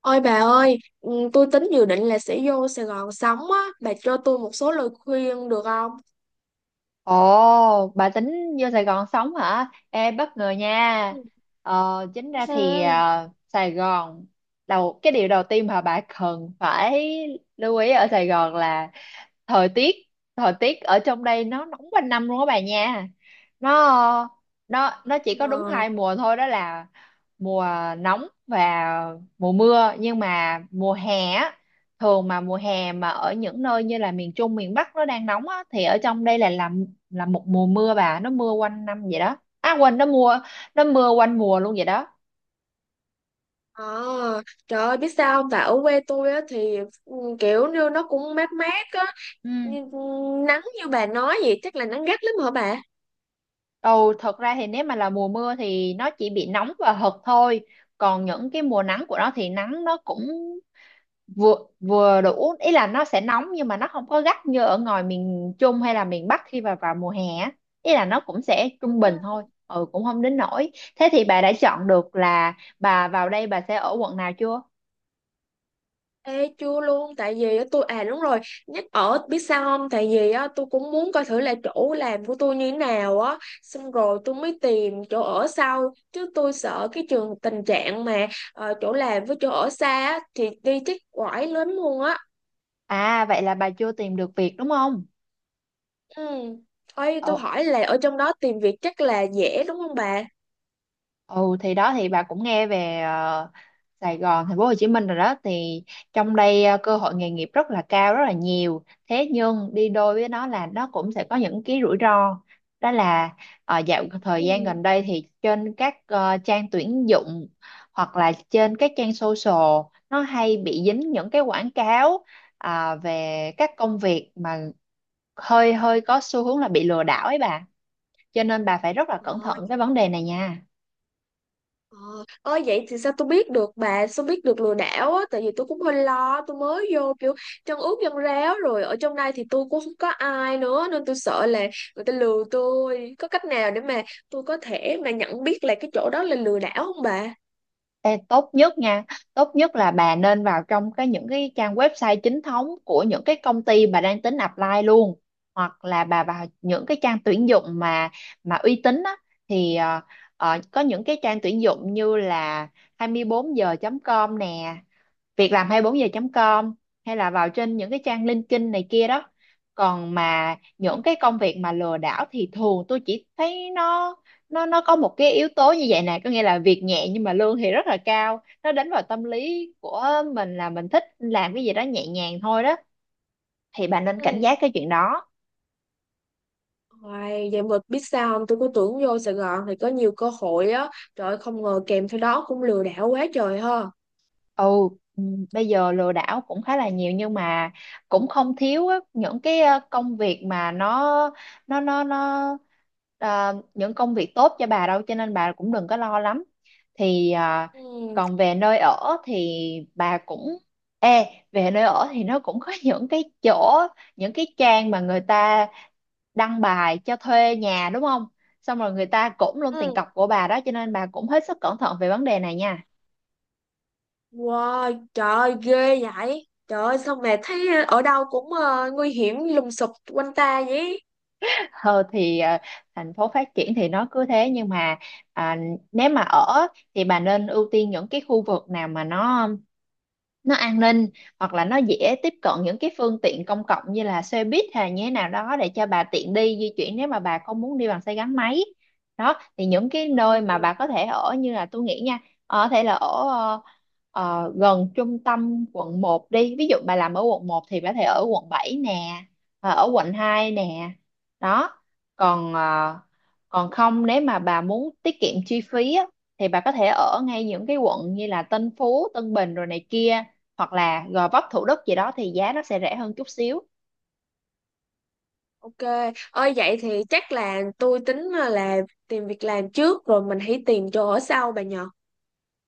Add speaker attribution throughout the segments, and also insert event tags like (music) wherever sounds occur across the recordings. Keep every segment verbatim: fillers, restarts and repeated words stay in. Speaker 1: Ôi bà ơi, ừ, tôi tính dự định là sẽ vô Sài Gòn sống á, bà cho tôi một số lời khuyên được không?
Speaker 2: Ồ, bà tính vô Sài Gòn sống hả? Ê, bất ngờ nha.
Speaker 1: Ừ.
Speaker 2: Ờ, chính ra thì
Speaker 1: Ừ.
Speaker 2: à, Sài Gòn, đầu cái điều đầu tiên mà bà cần phải lưu ý ở Sài Gòn là thời tiết. Thời tiết ở trong đây nó nóng quanh năm luôn á bà nha. Nó nó nó chỉ có đúng
Speaker 1: Ờ,
Speaker 2: hai mùa thôi, đó là mùa nóng và mùa mưa. Nhưng mà mùa hè á, thường mà mùa hè mà ở những nơi như là miền Trung, miền Bắc nó đang nóng á, thì ở trong đây là làm là một mùa mưa bà, nó mưa quanh năm vậy đó. À quên, nó mưa nó mưa quanh mùa luôn vậy đó.
Speaker 1: ờ, Trời ơi, biết sao không? Tại ở quê tôi á thì ừ, kiểu như nó cũng mát mát á,
Speaker 2: Ừ
Speaker 1: nhưng nắng như bà nói vậy chắc là nắng gắt lắm hả bà?
Speaker 2: ồ, thật ra thì nếu mà là mùa mưa thì nó chỉ bị nóng và hật thôi, còn những cái mùa nắng của nó thì nắng nó cũng vừa vừa đủ, ý là nó sẽ nóng nhưng mà nó không có gắt như ở ngoài miền Trung hay là miền Bắc khi mà vào mùa hè á. Ý là nó cũng sẽ trung bình thôi, ừ, cũng không đến nỗi. Thế thì bà đã chọn được là bà vào đây bà sẽ ở quận nào chưa?
Speaker 1: Ê, chưa luôn tại vì á, tôi à đúng rồi nhắc ở biết sao không tại vì á, tôi cũng muốn coi thử là chỗ làm của tôi như thế nào á xong rồi tôi mới tìm chỗ ở sau chứ tôi sợ cái trường tình trạng mà ờ, chỗ làm với chỗ ở xa á, thì đi chắc quải lắm luôn á.
Speaker 2: À, vậy là bà chưa tìm được việc đúng không?
Speaker 1: Ừ. Ê, tôi
Speaker 2: Ờ.
Speaker 1: hỏi là ở trong đó tìm việc chắc là dễ đúng không bà?
Speaker 2: Ừ thì đó, thì bà cũng nghe về ờ, Sài Gòn, thành phố Hồ Chí Minh rồi đó, thì trong đây ờ, cơ hội nghề nghiệp rất là cao, rất là nhiều. Thế nhưng đi đôi với nó là nó cũng sẽ có những cái rủi ro. Đó là ờ, dạo thời gian gần đây thì trên các ờ, trang tuyển dụng hoặc là trên các trang social, nó hay bị dính những cái quảng cáo à, về các công việc mà hơi hơi có xu hướng là bị lừa đảo ấy bà. Cho nên bà phải rất là
Speaker 1: Ừ.
Speaker 2: cẩn thận cái vấn đề này nha.
Speaker 1: Ờ, Ơi vậy thì sao tôi biết được bà sao biết được lừa đảo á, tại vì tôi cũng hơi lo tôi mới vô kiểu chân ướt chân ráo rồi ở trong đây thì tôi cũng không có ai nữa nên tôi sợ là người ta lừa tôi, có cách nào để mà tôi có thể mà nhận biết là cái chỗ đó là lừa đảo không bà?
Speaker 2: Ê, tốt nhất nha, tốt nhất là bà nên vào trong cái những cái trang website chính thống của những cái công ty bà đang tính apply luôn, hoặc là bà vào những cái trang tuyển dụng mà mà uy tín á, thì ờ, ờ, có những cái trang tuyển dụng như là hai mươi bốn giờ chấm com nè, việc làm hai mươi bốn giờ com, hay là vào trên những cái trang LinkedIn này kia đó. Còn mà
Speaker 1: Ừ.
Speaker 2: những cái công việc mà lừa đảo thì thường tôi chỉ thấy nó, nó nó có một cái yếu tố như vậy nè, có nghĩa là việc nhẹ nhưng mà lương thì rất là cao, nó đánh vào tâm lý của mình là mình thích làm cái gì đó nhẹ nhàng thôi đó, thì bạn nên cảnh
Speaker 1: Ừ.
Speaker 2: giác cái chuyện đó.
Speaker 1: Hoài, vậy mà biết sao không, tôi cứ tưởng vô Sài Gòn thì có nhiều cơ hội á, trời ơi, không ngờ kèm theo đó cũng lừa đảo quá trời ha.
Speaker 2: Ừ. ừm, bây giờ lừa đảo cũng khá là nhiều, nhưng mà cũng không thiếu á, những cái ờ, công việc mà nó nó nó nó ờ, những công việc tốt cho bà đâu, cho nên bà cũng đừng có lo lắm. Thì ờ,
Speaker 1: Ừ.
Speaker 2: còn về nơi ở thì bà cũng, ê, về nơi ở thì nó cũng có (laughs) những cái chỗ, những cái trang mà người ta đăng bài cho thuê nhà đúng không, xong rồi người ta cũng luôn tiền
Speaker 1: Ừ.
Speaker 2: cọc của bà đó, cho nên bà cũng hết sức cẩn thận về vấn đề này nha.
Speaker 1: Wow, trời ơi, ghê vậy. Trời ơi, sao mẹ thấy ở đâu cũng ờ, nguy hiểm lùng sụp quanh ta vậy?
Speaker 2: ờ thì ờ, thành phố phát triển thì nó cứ thế, nhưng mà à, nếu mà ở thì bà nên ưu tiên những cái khu vực nào mà nó nó an ninh, hoặc là nó dễ tiếp cận những cái phương tiện công cộng như là xe buýt hay như thế nào đó để cho bà tiện đi di chuyển nếu mà bà không muốn đi bằng xe gắn máy. Đó thì những cái nơi mà
Speaker 1: Ừ,
Speaker 2: bà có thể ở như là tôi nghĩ nha, ờ, có thể là ở ờ, ờ, gần trung tâm quận một đi, ví dụ bà làm ở quận một thì bà có thể ở quận bảy nè, ờ, ở quận hai nè. Đó, còn ờ, còn không, nếu mà bà muốn tiết kiệm chi phí á, thì bà có thể ở ngay những cái quận như là Tân Phú, Tân Bình rồi này kia, hoặc là Gò Vấp, Thủ Đức gì đó thì giá nó sẽ rẻ hơn chút xíu.
Speaker 1: ok. Ơi vậy thì chắc là tôi tính ờ, là tìm việc làm trước rồi mình hãy tìm chỗ ở sau bà nhờ.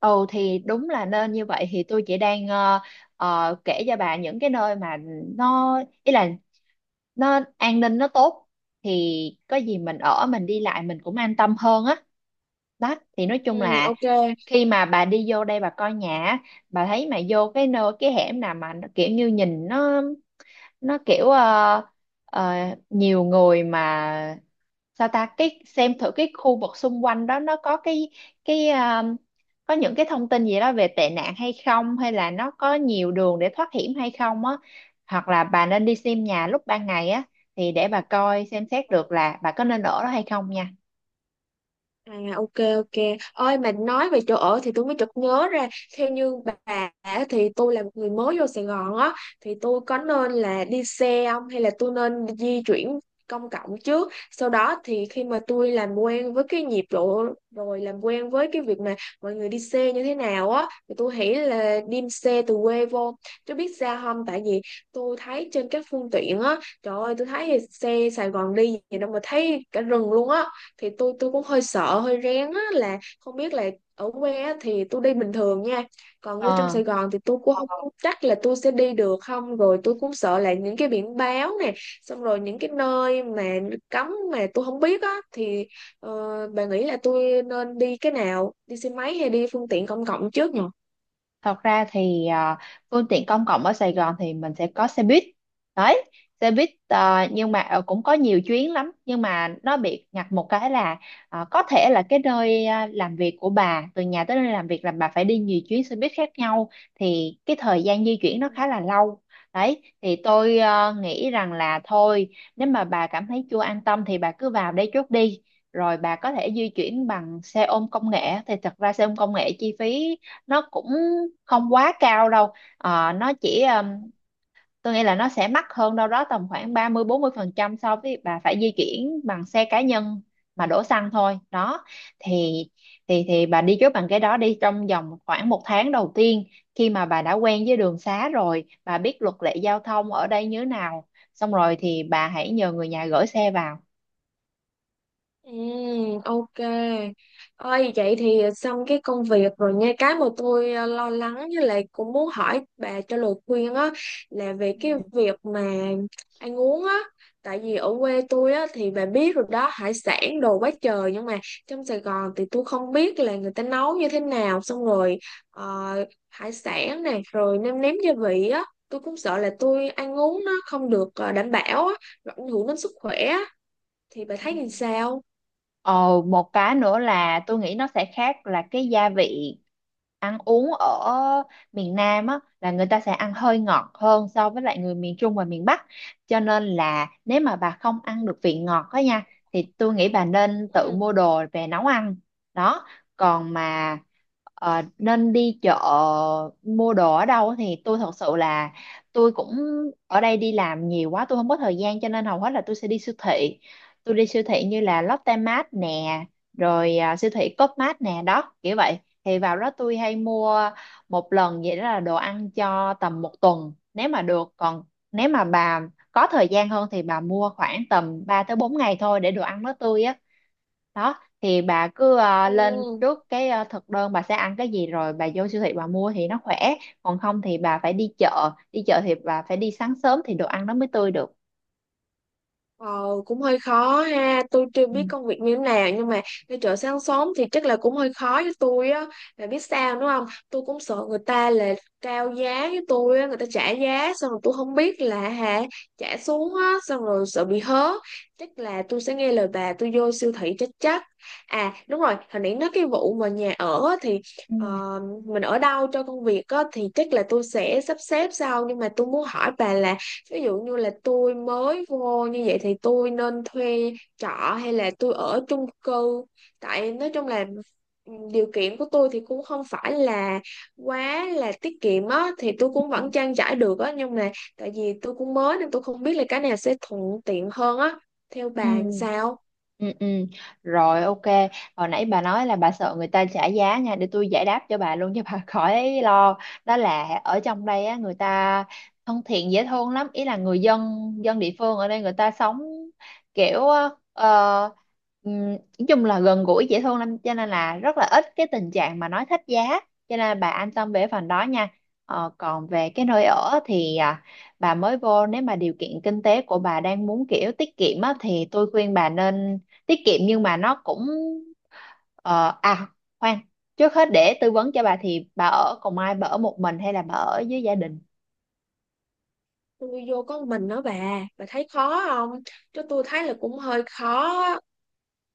Speaker 2: Ừ thì đúng là nên như vậy. Thì tôi chỉ đang ờ, ờ, kể cho bà những cái nơi mà nó, ý là nó an ninh nó tốt, thì có gì mình ở mình đi lại mình cũng an tâm hơn á. Đó thì nói chung
Speaker 1: Ừ,
Speaker 2: là
Speaker 1: ok.
Speaker 2: khi mà bà đi vô đây bà coi nhà á, bà thấy mà vô cái nơi cái hẻm nào mà nó kiểu như nhìn nó nó kiểu ờ, ờ, nhiều người, mà sao ta, cái xem thử cái khu vực xung quanh đó nó có cái, cái ờ, có những cái thông tin gì đó về tệ nạn hay không, hay là nó có nhiều đường để thoát hiểm hay không á, hoặc là bà nên đi xem nhà lúc ban ngày á thì để bà coi xem xét được là bà có nên ở đó hay không nha.
Speaker 1: À, ok, ok. Ôi mà nói về chỗ ở thì tôi mới chợt nhớ ra. Theo như bà á, thì tôi là một người mới vô Sài Gòn á, thì tôi có nên là đi xe không, hay là tôi nên di chuyển công cộng trước? Sau đó thì khi mà tôi làm quen với cái nhịp độ, rồi làm quen với cái việc mà mọi người đi xe như thế nào á, thì tôi nghĩ là đi xe từ quê vô. Tôi biết sao không, tại vì tôi thấy trên các phương tiện á, trời ơi tôi thấy xe Sài Gòn đi gì đâu mà thấy cả rừng luôn á, thì tôi tôi cũng hơi sợ hơi rén á, là không biết là ở quê á, thì tôi đi bình thường nha, còn vô trong
Speaker 2: Ờ.
Speaker 1: Sài Gòn thì tôi cũng không chắc là tôi sẽ đi được không, rồi tôi cũng sợ là những cái biển báo nè, xong rồi những cái nơi mà cấm mà tôi không biết á thì ờ, bà nghĩ là tôi nên đi cái nào, đi xe máy hay đi phương tiện công cộng trước
Speaker 2: Thật ra thì à, phương tiện công cộng ở Sài Gòn thì mình sẽ có xe buýt đấy, xe buýt à, nhưng mà ờ, cũng có nhiều chuyến lắm, nhưng mà nó bị ngặt một cái là à, có thể là cái nơi à, làm việc của bà, từ nhà tới nơi làm việc là bà phải đi nhiều chuyến xe buýt khác nhau, thì cái thời gian di chuyển nó khá
Speaker 1: nhỉ?
Speaker 2: là lâu đấy. Thì tôi à, nghĩ rằng là thôi, nếu mà bà cảm thấy chưa an tâm thì bà cứ vào đây trước đi, rồi bà có thể di chuyển bằng xe ôm công nghệ. Thì thật ra xe ôm công nghệ chi phí nó cũng không quá cao đâu. Ờ, nó chỉ ừm, tôi nghĩ là nó sẽ mắc hơn đâu đó tầm khoảng ba mươi bốn mươi phần trăm so với bà phải di chuyển bằng xe cá nhân mà đổ xăng thôi đó. Thì thì thì bà đi trước bằng cái đó đi trong vòng khoảng một tháng đầu tiên, khi mà bà đã quen với đường xá rồi, bà biết luật lệ giao thông ở đây như thế nào, xong rồi thì bà hãy nhờ người nhà gửi xe vào.
Speaker 1: Ừ, ok. Ôi vậy thì xong cái công việc rồi nha. Cái mà tôi ờ, lo lắng với lại cũng muốn hỏi bà cho lời khuyên á là về
Speaker 2: Ừ.
Speaker 1: cái việc mà ăn uống á. Tại vì ở quê tôi á thì bà biết rồi đó, hải sản đồ quá trời, nhưng mà trong Sài Gòn thì tôi không biết là người ta nấu như thế nào, xong rồi ờ, hải sản này rồi nêm nếm gia vị á. Tôi cũng sợ là tôi ăn uống nó không được ờ, đảm bảo á, rồi ảnh hưởng đến sức khỏe á. Thì bà
Speaker 2: Ừ.
Speaker 1: thấy như sao?
Speaker 2: Ờ, một cái nữa là tôi nghĩ nó sẽ khác là cái gia vị, ăn uống ở miền Nam á là người ta sẽ ăn hơi ngọt hơn so với lại người miền Trung và miền Bắc, cho nên là nếu mà bà không ăn được vị ngọt đó nha, thì tôi nghĩ bà nên tự
Speaker 1: Ừ.
Speaker 2: mua đồ về nấu ăn. Đó, còn mà ờ, nên đi chợ mua đồ ở đâu thì tôi thật sự là tôi cũng, ở đây đi làm nhiều quá tôi không có thời gian, cho nên hầu hết là tôi sẽ đi siêu thị. Tôi đi siêu thị như là Lotte Mart nè, rồi à, siêu thị Coopmart nè, đó kiểu vậy. Thì vào đó tôi hay mua một lần vậy đó là đồ ăn cho tầm một tuần nếu mà được, còn nếu mà bà có thời gian hơn thì bà mua khoảng tầm ba tới bốn ngày thôi để đồ ăn nó tươi á. Đó thì bà cứ à, lên
Speaker 1: Ừ.
Speaker 2: trước cái à, thực đơn bà sẽ ăn cái gì, rồi bà vô siêu thị bà mua thì nó khỏe. Còn không thì bà phải đi chợ, đi chợ thì bà phải đi sáng sớm thì đồ ăn nó mới tươi được.
Speaker 1: Ờ, Cũng hơi khó ha, tôi chưa
Speaker 2: Ừ.
Speaker 1: biết công việc như thế nào, nhưng mà đi chợ sáng sớm thì chắc là cũng hơi khó với tôi á, là biết sao đúng không, tôi cũng sợ người ta là cao giá với tôi á, người ta trả giá xong rồi tôi không biết là hả, trả xuống á xong rồi sợ bị hớ, chắc là tôi sẽ nghe lời bà tôi vô siêu thị chắc chắc. À đúng rồi, hồi nãy nói cái vụ mà nhà ở á, thì
Speaker 2: Ừ.
Speaker 1: ờ, mình ở đâu cho công việc á thì chắc là tôi sẽ sắp xếp sau, nhưng mà tôi muốn hỏi bà là ví dụ như là tôi mới vô như vậy thì tôi nên thuê trọ hay là tôi ở chung cư? Tại nói chung là ừ, điều kiện của tôi thì cũng không phải là quá là tiết kiệm á, thì tôi cũng vẫn trang trải được á, nhưng mà tại vì tôi cũng mới nên tôi không biết là cái nào sẽ thuận tiện hơn á, theo
Speaker 2: Ừ.
Speaker 1: bà làm sao?
Speaker 2: Ừ, ừ. Rồi, ok. Hồi nãy bà nói là bà sợ người ta trả giá nha, để tôi giải đáp cho bà luôn cho bà (laughs) khỏi lo. Đó là ở trong đây á, người ta thân thiện dễ thương lắm. Ý là người dân dân địa phương ở đây người ta sống kiểu ờ, ừm, nói chung là gần gũi dễ thương lắm, cho nên là rất là ít cái tình trạng mà nói thách giá. Cho nên là bà an tâm về phần đó nha. Ờ, còn về cái nơi ở thì à, bà mới vô, nếu mà điều kiện kinh tế của bà đang muốn kiểu tiết kiệm á, thì tôi khuyên bà nên tiết kiệm. Nhưng mà nó cũng ờ, à khoan trước hết để tư vấn cho bà, thì bà ở cùng ai, bà ở một mình hay là bà ở với gia đình?
Speaker 1: Tôi vô có một mình đó bà bà thấy khó không? Chứ tôi thấy là cũng hơi khó á.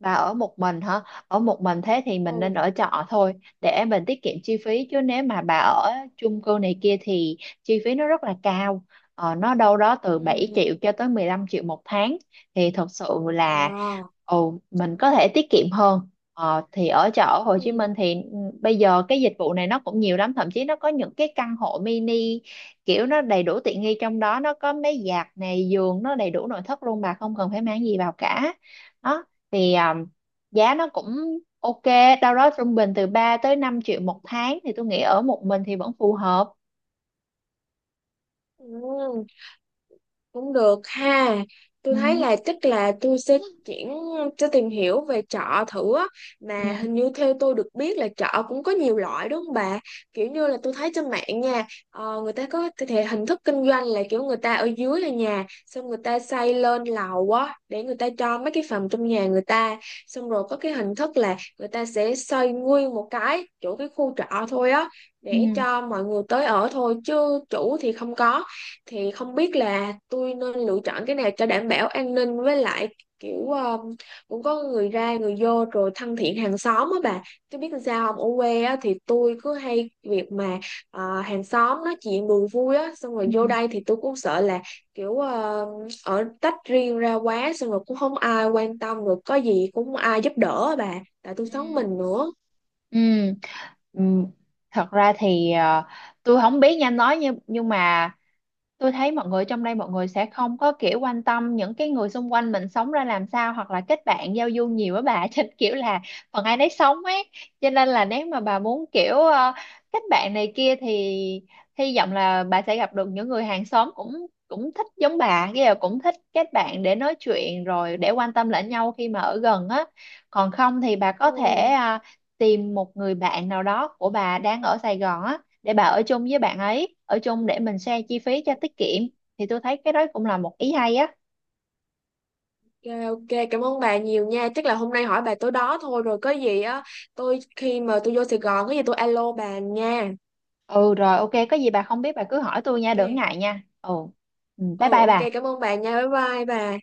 Speaker 2: Bà ở một mình hả? Ở một mình thế thì mình nên
Speaker 1: Ừ.
Speaker 2: ở trọ thôi, để mình tiết kiệm chi phí. Chứ nếu mà bà ở chung cư này kia thì chi phí nó rất là cao. Ờ, nó đâu đó từ bảy
Speaker 1: Ừ.
Speaker 2: triệu cho tới mười lăm triệu một tháng, thì thật sự là
Speaker 1: Wow.
Speaker 2: ồ, mình có thể tiết kiệm hơn. Ờ, thì ở trọ ở Hồ
Speaker 1: Ừ.
Speaker 2: Chí Minh thì ừ, bây giờ cái dịch vụ này nó cũng nhiều lắm, thậm chí nó có những cái căn hộ mini kiểu nó đầy đủ tiện nghi, trong đó nó có máy giặt này, giường, nó đầy đủ nội thất luôn, bà không cần phải mang gì vào cả. Đó thì um, giá nó cũng ok, đâu đó trung bình từ ba tới năm triệu một tháng, thì tôi nghĩ ở một mình thì vẫn phù hợp.
Speaker 1: Ừ. Cũng được ha, tôi
Speaker 2: Ừ.
Speaker 1: thấy là chắc là tôi sẽ chuyển, sẽ tìm hiểu về chợ thử á, mà hình
Speaker 2: Ừ.
Speaker 1: như theo tôi được biết là chợ cũng có nhiều loại đúng không bà? Kiểu như là tôi thấy trên mạng nha, ờ, người ta có thể hình thức kinh doanh là kiểu người ta ở dưới là nhà xong người ta xây lên lầu á để người ta cho mấy cái phòng trong nhà người ta, xong rồi có cái hình thức là người ta sẽ xây nguyên một cái chỗ cái khu trọ thôi á để
Speaker 2: Ừ.
Speaker 1: cho mọi người tới ở thôi chứ chủ thì không có. Thì không biết là tôi nên lựa chọn cái nào cho đảm bảo an ninh với lại kiểu ờ, cũng có người ra người vô rồi thân thiện hàng xóm á bà, chứ biết làm sao không, ở quê á thì tôi cứ hay việc mà ờ, hàng xóm nói chuyện đùa vui á, xong rồi
Speaker 2: Ừ.
Speaker 1: vô đây thì tôi cũng sợ là kiểu ờ, ở tách riêng ra quá xong rồi cũng không ai quan tâm, rồi có gì cũng không ai giúp đỡ á bà, tại tôi
Speaker 2: Ừ.
Speaker 1: sống mình nữa.
Speaker 2: Ừ. Ừ. Thật ra thì ờ, tôi không biết nha anh nói, nhưng nhưng mà tôi thấy mọi người trong đây, mọi người sẽ không có kiểu quan tâm những cái người xung quanh mình sống ra làm sao, hoặc là kết bạn giao du nhiều á bà (laughs) trên kiểu là phần ai nấy sống ấy, cho nên là nếu mà bà muốn kiểu ờ, kết bạn này kia thì hy vọng là bà sẽ gặp được những người hàng xóm cũng cũng thích giống bà, cái là cũng thích kết bạn để nói chuyện, rồi để quan tâm lẫn nhau khi mà ở gần á. Còn không thì bà có
Speaker 1: Ừ.
Speaker 2: thể ờ, tìm một người bạn nào đó của bà đang ở Sài Gòn á, để bà ở chung với bạn ấy, ở chung để mình share chi phí cho tiết kiệm. Thì tôi thấy cái đó cũng là một ý hay á.
Speaker 1: Rồi, ok, cảm ơn bà nhiều nha. Chắc là hôm nay hỏi bà tối đó thôi, rồi có gì á. Tôi khi mà tôi vô Sài Gòn có gì tôi alo bà nha.
Speaker 2: Ừ rồi, ok, có gì bà không biết bà cứ hỏi tôi nha, đừng
Speaker 1: Ok.
Speaker 2: ngại nha. Ừ. Ừ, bye
Speaker 1: Ừ,
Speaker 2: bye
Speaker 1: ok,
Speaker 2: bà.
Speaker 1: cảm ơn bà nha. Bye bye bà.